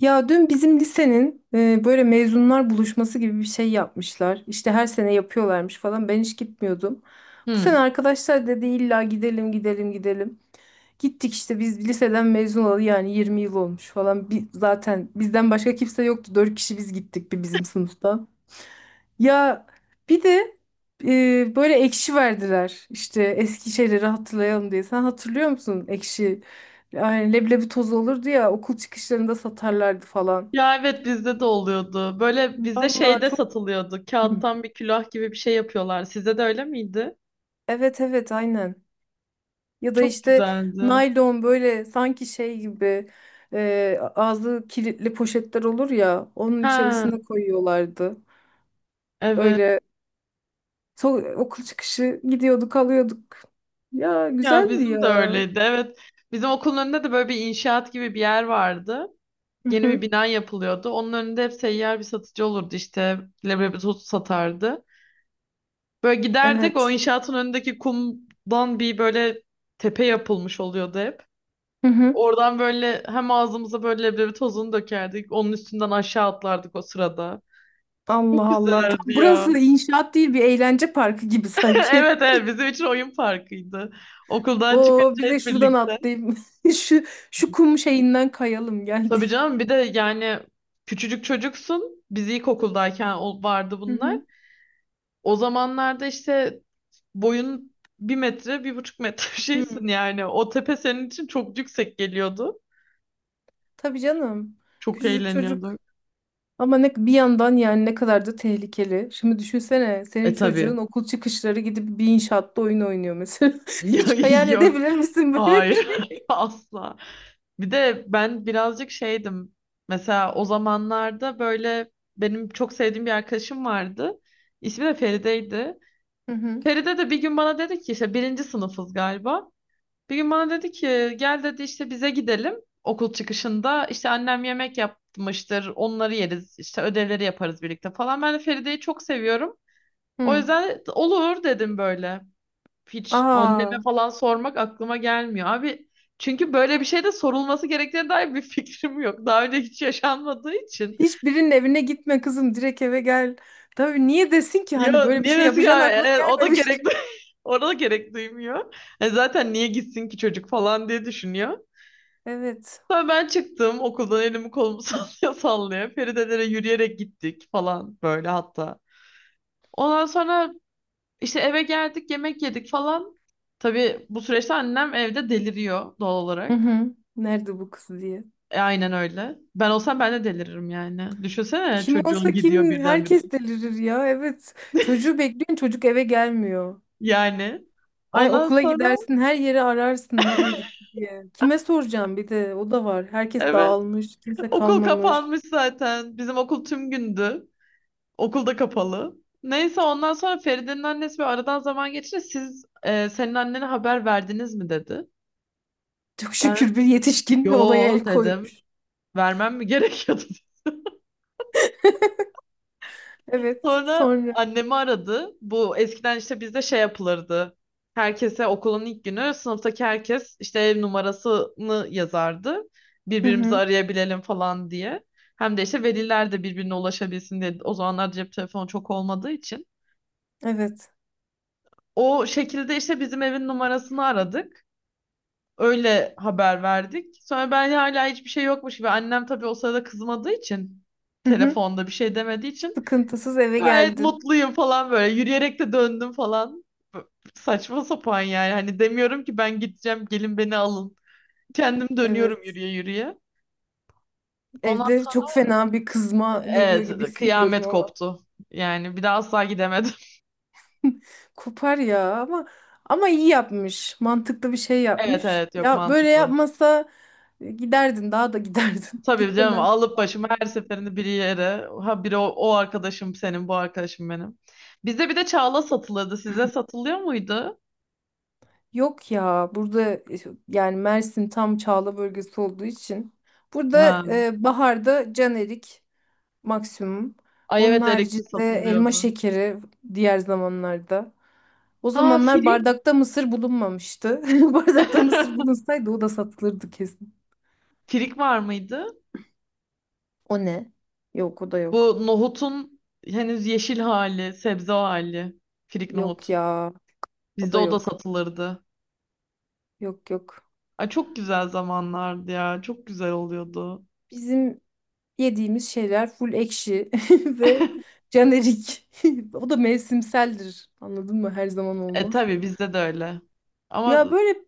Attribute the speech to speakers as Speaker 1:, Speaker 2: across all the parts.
Speaker 1: Ya dün bizim lisenin böyle mezunlar buluşması gibi bir şey yapmışlar. İşte her sene yapıyorlarmış falan. Ben hiç gitmiyordum. Bu
Speaker 2: Hı.
Speaker 1: sene arkadaşlar dedi illa gidelim gidelim gidelim. Gittik işte biz liseden mezun olalı yani 20 yıl olmuş falan. Bir, zaten bizden başka kimse yoktu. 4 kişi biz gittik bir bizim sınıftan. Ya bir de böyle ekşi verdiler. İşte eski şeyleri hatırlayalım diye. Sen hatırlıyor musun ekşi? Yani leblebi tozu olurdu ya okul çıkışlarında satarlardı falan.
Speaker 2: Ya evet bizde de oluyordu. Böyle bizde
Speaker 1: Vallahi
Speaker 2: şeyde
Speaker 1: çok
Speaker 2: satılıyordu. Kağıttan bir külah gibi bir şey yapıyorlar. Sizde de öyle miydi?
Speaker 1: evet evet aynen. Ya da
Speaker 2: Çok
Speaker 1: işte
Speaker 2: güzeldi.
Speaker 1: naylon böyle sanki şey gibi ağzı kilitli poşetler olur ya onun
Speaker 2: Ha,
Speaker 1: içerisine koyuyorlardı.
Speaker 2: evet.
Speaker 1: Öyle okul çıkışı gidiyorduk alıyorduk. Ya
Speaker 2: Ya
Speaker 1: güzeldi
Speaker 2: bizim de
Speaker 1: ya.
Speaker 2: öyleydi. Evet. Bizim okulun önünde de böyle bir inşaat gibi bir yer vardı.
Speaker 1: Hı
Speaker 2: Yeni bir
Speaker 1: hı.
Speaker 2: bina yapılıyordu. Onun önünde hep seyyar bir satıcı olurdu işte. Leblebi tozu satardı. Böyle giderdik, o
Speaker 1: Evet.
Speaker 2: inşaatın önündeki kumdan bir böyle tepe yapılmış oluyordu hep.
Speaker 1: Hı hı.
Speaker 2: Oradan böyle hem ağzımıza böyle leblebi tozunu dökerdik. Onun üstünden aşağı atlardık o sırada.
Speaker 1: Allah
Speaker 2: Çok
Speaker 1: Allah. Tam
Speaker 2: güzeldi ya.
Speaker 1: burası inşaat değil bir eğlence parkı gibi sanki.
Speaker 2: Evet evet, bizim için oyun parkıydı. Okuldan
Speaker 1: Oo
Speaker 2: çıkınca
Speaker 1: bir de
Speaker 2: hep
Speaker 1: şuradan
Speaker 2: birlikte.
Speaker 1: atlayayım. Şu şu kum şeyinden kayalım
Speaker 2: Tabii
Speaker 1: geldi.
Speaker 2: canım, bir de yani küçücük çocuksun. Biz ilkokuldayken vardı bunlar.
Speaker 1: Hı
Speaker 2: O zamanlarda işte boyun bir metre, bir buçuk metre şeysin
Speaker 1: hı.
Speaker 2: yani. O tepe senin için çok yüksek geliyordu.
Speaker 1: Tabii canım.
Speaker 2: Çok
Speaker 1: Küçücük çocuk.
Speaker 2: eğleniyorduk.
Speaker 1: Ama ne, bir yandan yani ne kadar da tehlikeli. Şimdi düşünsene senin
Speaker 2: E tabii.
Speaker 1: çocuğun okul çıkışları gidip bir inşaatta oyun oynuyor mesela. Hiç hayal
Speaker 2: Yok.
Speaker 1: edebilir misin böyle bir
Speaker 2: Hayır.
Speaker 1: şey?
Speaker 2: Asla. Bir de ben birazcık şeydim. Mesela o zamanlarda böyle benim çok sevdiğim bir arkadaşım vardı. İsmi de Feride'ydi.
Speaker 1: Hı hı.
Speaker 2: Feride de bir gün bana dedi ki, işte birinci sınıfız galiba. Bir gün bana dedi ki gel dedi, işte bize gidelim okul çıkışında. İşte annem yemek yapmıştır, onları yeriz, işte ödevleri yaparız birlikte falan. Ben de Feride'yi çok seviyorum. O
Speaker 1: Hı.
Speaker 2: yüzden olur dedim böyle. Hiç
Speaker 1: Aa,
Speaker 2: anneme falan sormak aklıma gelmiyor. Abi, çünkü böyle bir şey de sorulması gerektiğine dair bir fikrim yok. Daha önce hiç yaşanmadığı için.
Speaker 1: hiçbirinin evine gitme kızım direkt eve gel. Tabii niye desin ki
Speaker 2: Ya
Speaker 1: hani böyle bir
Speaker 2: niye
Speaker 1: şey
Speaker 2: desin
Speaker 1: yapacağın
Speaker 2: ya,
Speaker 1: aklına
Speaker 2: o da
Speaker 1: gelmemiş.
Speaker 2: gerek orada da gerek duymuyor. Zaten niye gitsin ki çocuk falan diye düşünüyor.
Speaker 1: Evet.
Speaker 2: Sonra ben çıktım okuldan, elimi kolumu sallaya sallaya. Feridelere yürüyerek gittik falan böyle hatta. Ondan sonra işte eve geldik, yemek yedik falan. Tabii bu süreçte annem evde deliriyor doğal
Speaker 1: Hı
Speaker 2: olarak.
Speaker 1: hı. Nerede bu kız diye.
Speaker 2: Aynen öyle. Ben olsam ben de deliririm yani. Düşünsene,
Speaker 1: Kim
Speaker 2: çocuğun
Speaker 1: olsa
Speaker 2: gidiyor
Speaker 1: kim
Speaker 2: birdenbire.
Speaker 1: herkes delirir ya. Evet. Çocuğu bekliyorsun çocuk eve gelmiyor.
Speaker 2: Yani.
Speaker 1: Ay
Speaker 2: Ondan
Speaker 1: okula
Speaker 2: sonra,
Speaker 1: gidersin her yeri ararsın nereye gitti diye. Kime soracağım bir de o da var. Herkes
Speaker 2: evet,
Speaker 1: dağılmış, kimse
Speaker 2: okul
Speaker 1: kalmamış.
Speaker 2: kapanmış zaten. Bizim okul tüm gündü. Okul da kapalı. Neyse, ondan sonra Feride'nin annesi bir aradan zaman geçince siz senin annene haber verdiniz mi dedi.
Speaker 1: Çok
Speaker 2: Ben
Speaker 1: şükür bir yetişkin olaya
Speaker 2: yo
Speaker 1: el
Speaker 2: dedim.
Speaker 1: koymuş.
Speaker 2: Vermem mi gerekiyordu?
Speaker 1: Evet,
Speaker 2: Sonra
Speaker 1: sonra.
Speaker 2: annemi aradı. Bu eskiden işte bizde şey yapılırdı. Herkese, okulun ilk günü sınıftaki herkes işte ev numarasını yazardı.
Speaker 1: Hı
Speaker 2: Birbirimizi
Speaker 1: hı.
Speaker 2: arayabilelim falan diye. Hem de işte veliler de birbirine ulaşabilsin diye. O zamanlar cep telefonu çok olmadığı için.
Speaker 1: Evet.
Speaker 2: O şekilde işte bizim evin numarasını aradık. Öyle haber verdik. Sonra ben hala hiçbir şey yokmuş gibi. Annem tabii o sırada kızmadığı için,
Speaker 1: Hı hı.
Speaker 2: telefonda bir şey demediği için
Speaker 1: Sıkıntısız eve
Speaker 2: gayet
Speaker 1: geldin.
Speaker 2: mutluyum falan böyle. Yürüyerek de döndüm falan. Saçma sapan yani. Hani demiyorum ki ben gideceğim, gelin beni alın. Kendim dönüyorum
Speaker 1: Evet.
Speaker 2: yürüye yürüye. Ona,
Speaker 1: Evde çok fena bir kızma geliyor
Speaker 2: evet,
Speaker 1: gibi hissediyorum
Speaker 2: kıyamet
Speaker 1: ama.
Speaker 2: koptu. Yani bir daha asla gidemedim.
Speaker 1: Kopar ya ama ama iyi yapmış. Mantıklı bir şey
Speaker 2: Evet
Speaker 1: yapmış.
Speaker 2: evet, yok,
Speaker 1: Ya böyle
Speaker 2: mantıklı.
Speaker 1: yapmasa giderdin daha da giderdin.
Speaker 2: Tabii canım,
Speaker 1: Gitmemen.
Speaker 2: alıp başımı her seferinde bir yere. Ha biri o arkadaşım, senin bu arkadaşım benim. Bizde bir de çağla satılırdı. Size satılıyor muydu?
Speaker 1: Yok ya burada yani Mersin tam Çağla bölgesi olduğu için burada
Speaker 2: Ha.
Speaker 1: baharda canerik maksimum.
Speaker 2: Ay
Speaker 1: Onun
Speaker 2: evet, Erik'te
Speaker 1: haricinde elma
Speaker 2: satılıyordu.
Speaker 1: şekeri diğer zamanlarda. O
Speaker 2: Ha,
Speaker 1: zamanlar
Speaker 2: firik.
Speaker 1: bardakta mısır bulunmamıştı. Bardakta mısır bulunsaydı o da satılırdı kesin.
Speaker 2: Firik var mıydı?
Speaker 1: O ne? Yok o da yok.
Speaker 2: Bu nohutun henüz yeşil hali, sebze hali. Firik
Speaker 1: Yok
Speaker 2: nohut.
Speaker 1: ya o
Speaker 2: Bizde
Speaker 1: da
Speaker 2: o da
Speaker 1: yok.
Speaker 2: satılırdı.
Speaker 1: Yok yok.
Speaker 2: Ay çok güzel zamanlardı ya. Çok güzel oluyordu.
Speaker 1: Bizim yediğimiz şeyler full ekşi ve jenerik. O da mevsimseldir. Anladın mı? Her zaman
Speaker 2: E
Speaker 1: olmaz.
Speaker 2: tabii, bizde de öyle.
Speaker 1: Ya
Speaker 2: Ama
Speaker 1: böyle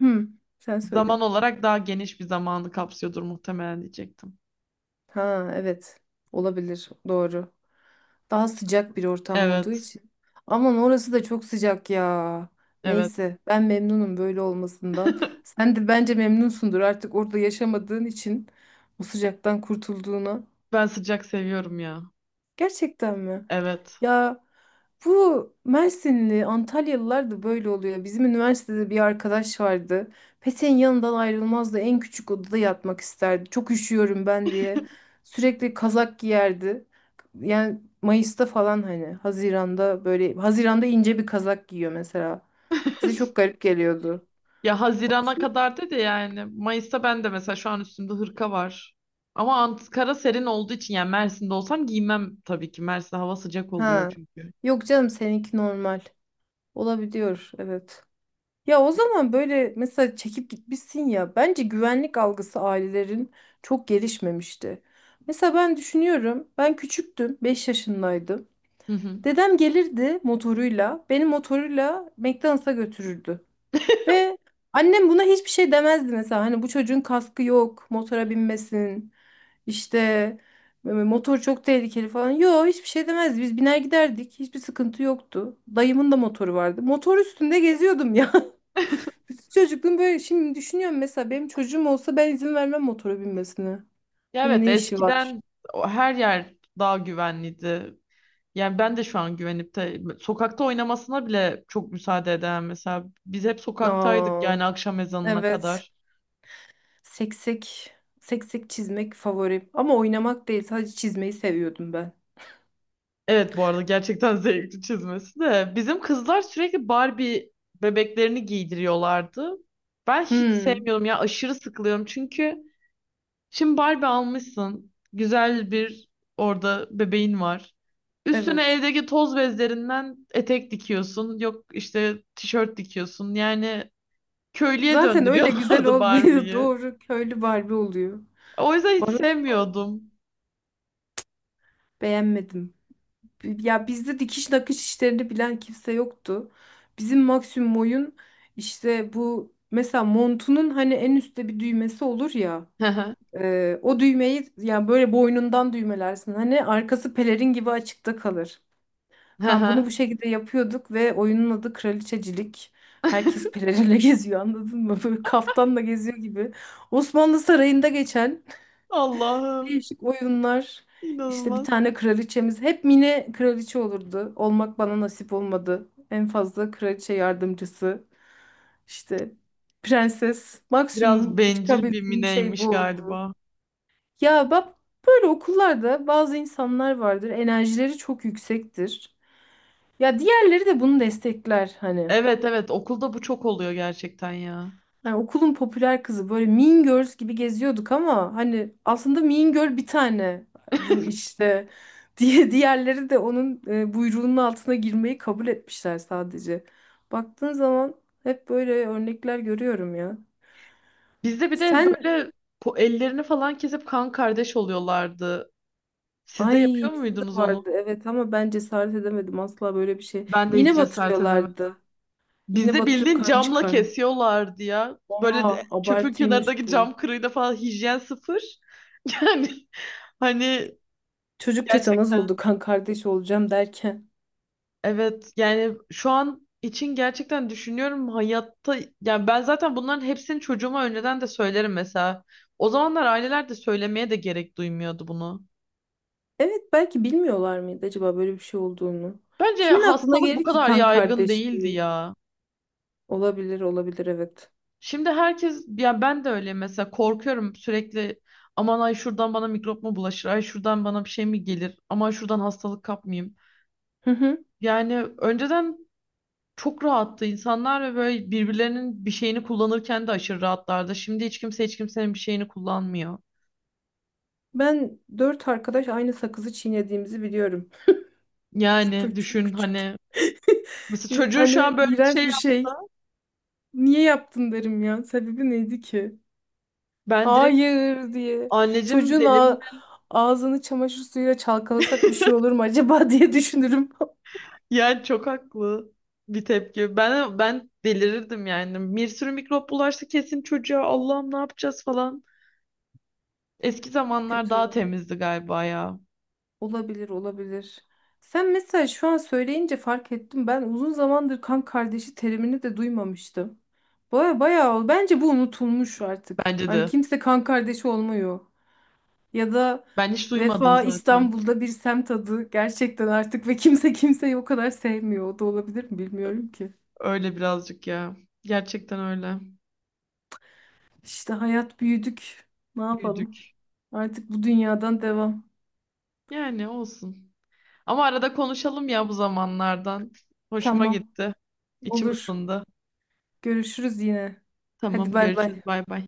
Speaker 1: hmm, sen söyle.
Speaker 2: zaman olarak daha geniş bir zamanı kapsıyordur muhtemelen diyecektim.
Speaker 1: Ha evet. Olabilir. Doğru. Daha sıcak bir ortam olduğu
Speaker 2: Evet.
Speaker 1: için. Aman orası da çok sıcak ya.
Speaker 2: Evet.
Speaker 1: Neyse ben memnunum böyle olmasından. Sen de bence memnunsundur artık orada yaşamadığın için o sıcaktan kurtulduğuna.
Speaker 2: Ben sıcak seviyorum ya.
Speaker 1: Gerçekten mi?
Speaker 2: Evet.
Speaker 1: Ya bu Mersinli, Antalyalılar da böyle oluyor. Bizim üniversitede bir arkadaş vardı. Peteğin yanından ayrılmazdı. En küçük odada yatmak isterdi. Çok üşüyorum ben diye. Sürekli kazak giyerdi. Yani Mayıs'ta falan hani Haziran'da böyle Haziran'da ince bir kazak giyiyor mesela. Bize çok garip geliyordu.
Speaker 2: Ya Haziran'a kadar dedi yani. Mayıs'ta ben de mesela şu an üstümde hırka var. Ama Ankara serin olduğu için, yani Mersin'de olsam giymem tabii ki. Mersin'de hava sıcak oluyor
Speaker 1: Ha.
Speaker 2: çünkü.
Speaker 1: Yok canım seninki normal. Olabiliyor evet. Ya o zaman böyle mesela çekip gitmişsin ya bence güvenlik algısı ailelerin çok gelişmemişti. Mesela ben düşünüyorum ben küçüktüm 5 yaşındaydım.
Speaker 2: Hı hı.
Speaker 1: Dedem gelirdi motoruyla beni motoruyla McDonald's'a götürürdü. Ve annem buna hiçbir şey demezdi mesela hani bu çocuğun kaskı yok motora binmesin işte motor çok tehlikeli falan. Yo hiçbir şey demezdi biz biner giderdik hiçbir sıkıntı yoktu. Dayımın da motoru vardı motor üstünde geziyordum ya. Çocukluğum böyle şimdi düşünüyorum mesela benim çocuğum olsa ben izin vermem motora binmesine.
Speaker 2: Ya
Speaker 1: Şimdi
Speaker 2: evet,
Speaker 1: ne işi var?
Speaker 2: eskiden her yer daha güvenliydi. Yani ben de şu an güvenip de sokakta oynamasına bile çok müsaade eden, mesela biz hep sokaktaydık
Speaker 1: Aa,
Speaker 2: yani, akşam ezanına
Speaker 1: evet.
Speaker 2: kadar.
Speaker 1: Seksek, seksek çizmek favorim. Ama oynamak değil, sadece çizmeyi seviyordum ben.
Speaker 2: Evet, bu arada gerçekten zevkli çizmesi de. Bizim kızlar sürekli Barbie bebeklerini giydiriyorlardı. Ben hiç
Speaker 1: Hmm.
Speaker 2: sevmiyorum ya, aşırı sıkılıyorum çünkü şimdi Barbie almışsın. Güzel bir, orada bebeğin var. Üstüne
Speaker 1: Evet.
Speaker 2: evdeki toz bezlerinden etek dikiyorsun. Yok, işte tişört dikiyorsun. Yani köylüye
Speaker 1: Zaten öyle güzel
Speaker 2: döndürüyorlardı
Speaker 1: olmuyor.
Speaker 2: Barbie'yi.
Speaker 1: Doğru köylü Barbie oluyor.
Speaker 2: O yüzden hiç
Speaker 1: Varoş
Speaker 2: sevmiyordum.
Speaker 1: beğenmedim. Ya bizde dikiş nakış işlerini bilen kimse yoktu. Bizim maksimum oyun işte bu mesela montunun hani en üstte bir düğmesi olur ya. O düğmeyi yani böyle boynundan düğmelersin. Hani arkası pelerin gibi açıkta kalır. Tamam bunu bu şekilde yapıyorduk ve oyunun adı Kraliçecilik. Herkes pelerinle geziyor anladın mı? Böyle kaftanla geziyor gibi. Osmanlı Sarayı'nda geçen
Speaker 2: Allah'ım,
Speaker 1: değişik oyunlar. İşte bir
Speaker 2: inanılmaz.
Speaker 1: tane kraliçemiz. Hep mini kraliçe olurdu. Olmak bana nasip olmadı. En fazla kraliçe yardımcısı. İşte prenses.
Speaker 2: Biraz
Speaker 1: Maksimum
Speaker 2: bencil bir
Speaker 1: çıkabildiğim şey bu
Speaker 2: mineymiş
Speaker 1: oldu.
Speaker 2: galiba.
Speaker 1: Ya bak böyle okullarda bazı insanlar vardır. Enerjileri çok yüksektir. Ya diğerleri de bunu destekler hani.
Speaker 2: Evet evet, okulda bu çok oluyor gerçekten ya.
Speaker 1: Hani okulun popüler kızı böyle Mean Girls gibi geziyorduk ama hani aslında Mean Girl bir tane bu işte diye diğerleri de onun buyruğunun altına girmeyi kabul etmişler sadece. Baktığın zaman hep böyle örnekler görüyorum ya.
Speaker 2: Bizde bir de
Speaker 1: Sen
Speaker 2: böyle ellerini falan kesip kan kardeş oluyorlardı. Siz de
Speaker 1: Ay,
Speaker 2: yapıyor
Speaker 1: bizde de
Speaker 2: muydunuz onu?
Speaker 1: vardı evet ama ben cesaret edemedim asla böyle bir şey.
Speaker 2: Ben de hiç
Speaker 1: İğne
Speaker 2: cesaret edemedim.
Speaker 1: batırıyorlardı. Yine
Speaker 2: Bizde
Speaker 1: batırıp
Speaker 2: bildiğin
Speaker 1: kan
Speaker 2: camla
Speaker 1: çıkar mı?
Speaker 2: kesiyorlardı ya. Böyle
Speaker 1: Oha
Speaker 2: çöpün
Speaker 1: abartıymış
Speaker 2: kenarındaki cam
Speaker 1: bu.
Speaker 2: kırığıyla falan, hijyen sıfır. Yani hani,
Speaker 1: Çocuk tetanoz
Speaker 2: gerçekten.
Speaker 1: oldu kan kardeş olacağım derken.
Speaker 2: Evet yani şu an için gerçekten düşünüyorum hayatta, yani ben zaten bunların hepsini çocuğuma önceden de söylerim mesela. O zamanlar aileler de söylemeye de gerek duymuyordu bunu.
Speaker 1: Evet belki bilmiyorlar mıydı acaba böyle bir şey olduğunu.
Speaker 2: Bence
Speaker 1: Kimin aklına
Speaker 2: hastalık bu
Speaker 1: gelir ki
Speaker 2: kadar
Speaker 1: kan
Speaker 2: yaygın değildi
Speaker 1: kardeşliği?
Speaker 2: ya.
Speaker 1: Olabilir olabilir evet.
Speaker 2: Şimdi herkes, ya ben de öyle mesela, korkuyorum sürekli, aman ay şuradan bana mikrop mu bulaşır, ay şuradan bana bir şey mi gelir, aman şuradan hastalık kapmayayım.
Speaker 1: Hı hı.
Speaker 2: Yani önceden çok rahattı insanlar ve böyle birbirlerinin bir şeyini kullanırken de aşırı rahatlardı. Şimdi hiç kimse hiç kimsenin bir şeyini kullanmıyor.
Speaker 1: Ben dört arkadaş aynı sakızı çiğnediğimizi biliyorum.
Speaker 2: Yani
Speaker 1: Böyle çok
Speaker 2: düşün
Speaker 1: küçük.
Speaker 2: hani, mesela çocuğun şu
Speaker 1: Hani
Speaker 2: an böyle bir
Speaker 1: iğrenç
Speaker 2: şey
Speaker 1: bir şey.
Speaker 2: yapsa,
Speaker 1: Niye yaptın derim ya. Sebebi neydi ki?
Speaker 2: ben direkt
Speaker 1: Hayır diye.
Speaker 2: anneciğim
Speaker 1: Çocuğun
Speaker 2: deli mi?
Speaker 1: ağ- ağzını çamaşır suyuyla çalkalasak bir şey olur mu acaba diye düşünürüm.
Speaker 2: Yani çok haklı bir tepki. Ben delirirdim yani. Bir sürü mikrop bulaşsa kesin çocuğa, Allah'ım ne yapacağız falan. Eski zamanlar daha
Speaker 1: Kötü.
Speaker 2: temizdi galiba ya.
Speaker 1: Olabilir, olabilir. Sen mesela şu an söyleyince fark ettim. Ben uzun zamandır kan kardeşi terimini de duymamıştım. Baya bayağı ol. Bence bu unutulmuş artık.
Speaker 2: Bence
Speaker 1: Hani
Speaker 2: de.
Speaker 1: kimse kan kardeşi olmuyor. Ya da
Speaker 2: Ben hiç duymadım
Speaker 1: Vefa
Speaker 2: zaten.
Speaker 1: İstanbul'da bir semt adı gerçekten artık ve kimse kimseyi o kadar sevmiyor. O da olabilir mi bilmiyorum ki.
Speaker 2: Öyle birazcık ya. Gerçekten öyle.
Speaker 1: İşte hayat büyüdük. Ne yapalım?
Speaker 2: Büyüdük.
Speaker 1: Artık bu dünyadan devam.
Speaker 2: Yani olsun. Ama arada konuşalım ya bu zamanlardan. Hoşuma
Speaker 1: Tamam.
Speaker 2: gitti. İçim
Speaker 1: Olur.
Speaker 2: ısındı.
Speaker 1: Görüşürüz yine. Hadi
Speaker 2: Tamam,
Speaker 1: bay bay.
Speaker 2: görüşürüz. Bay bay.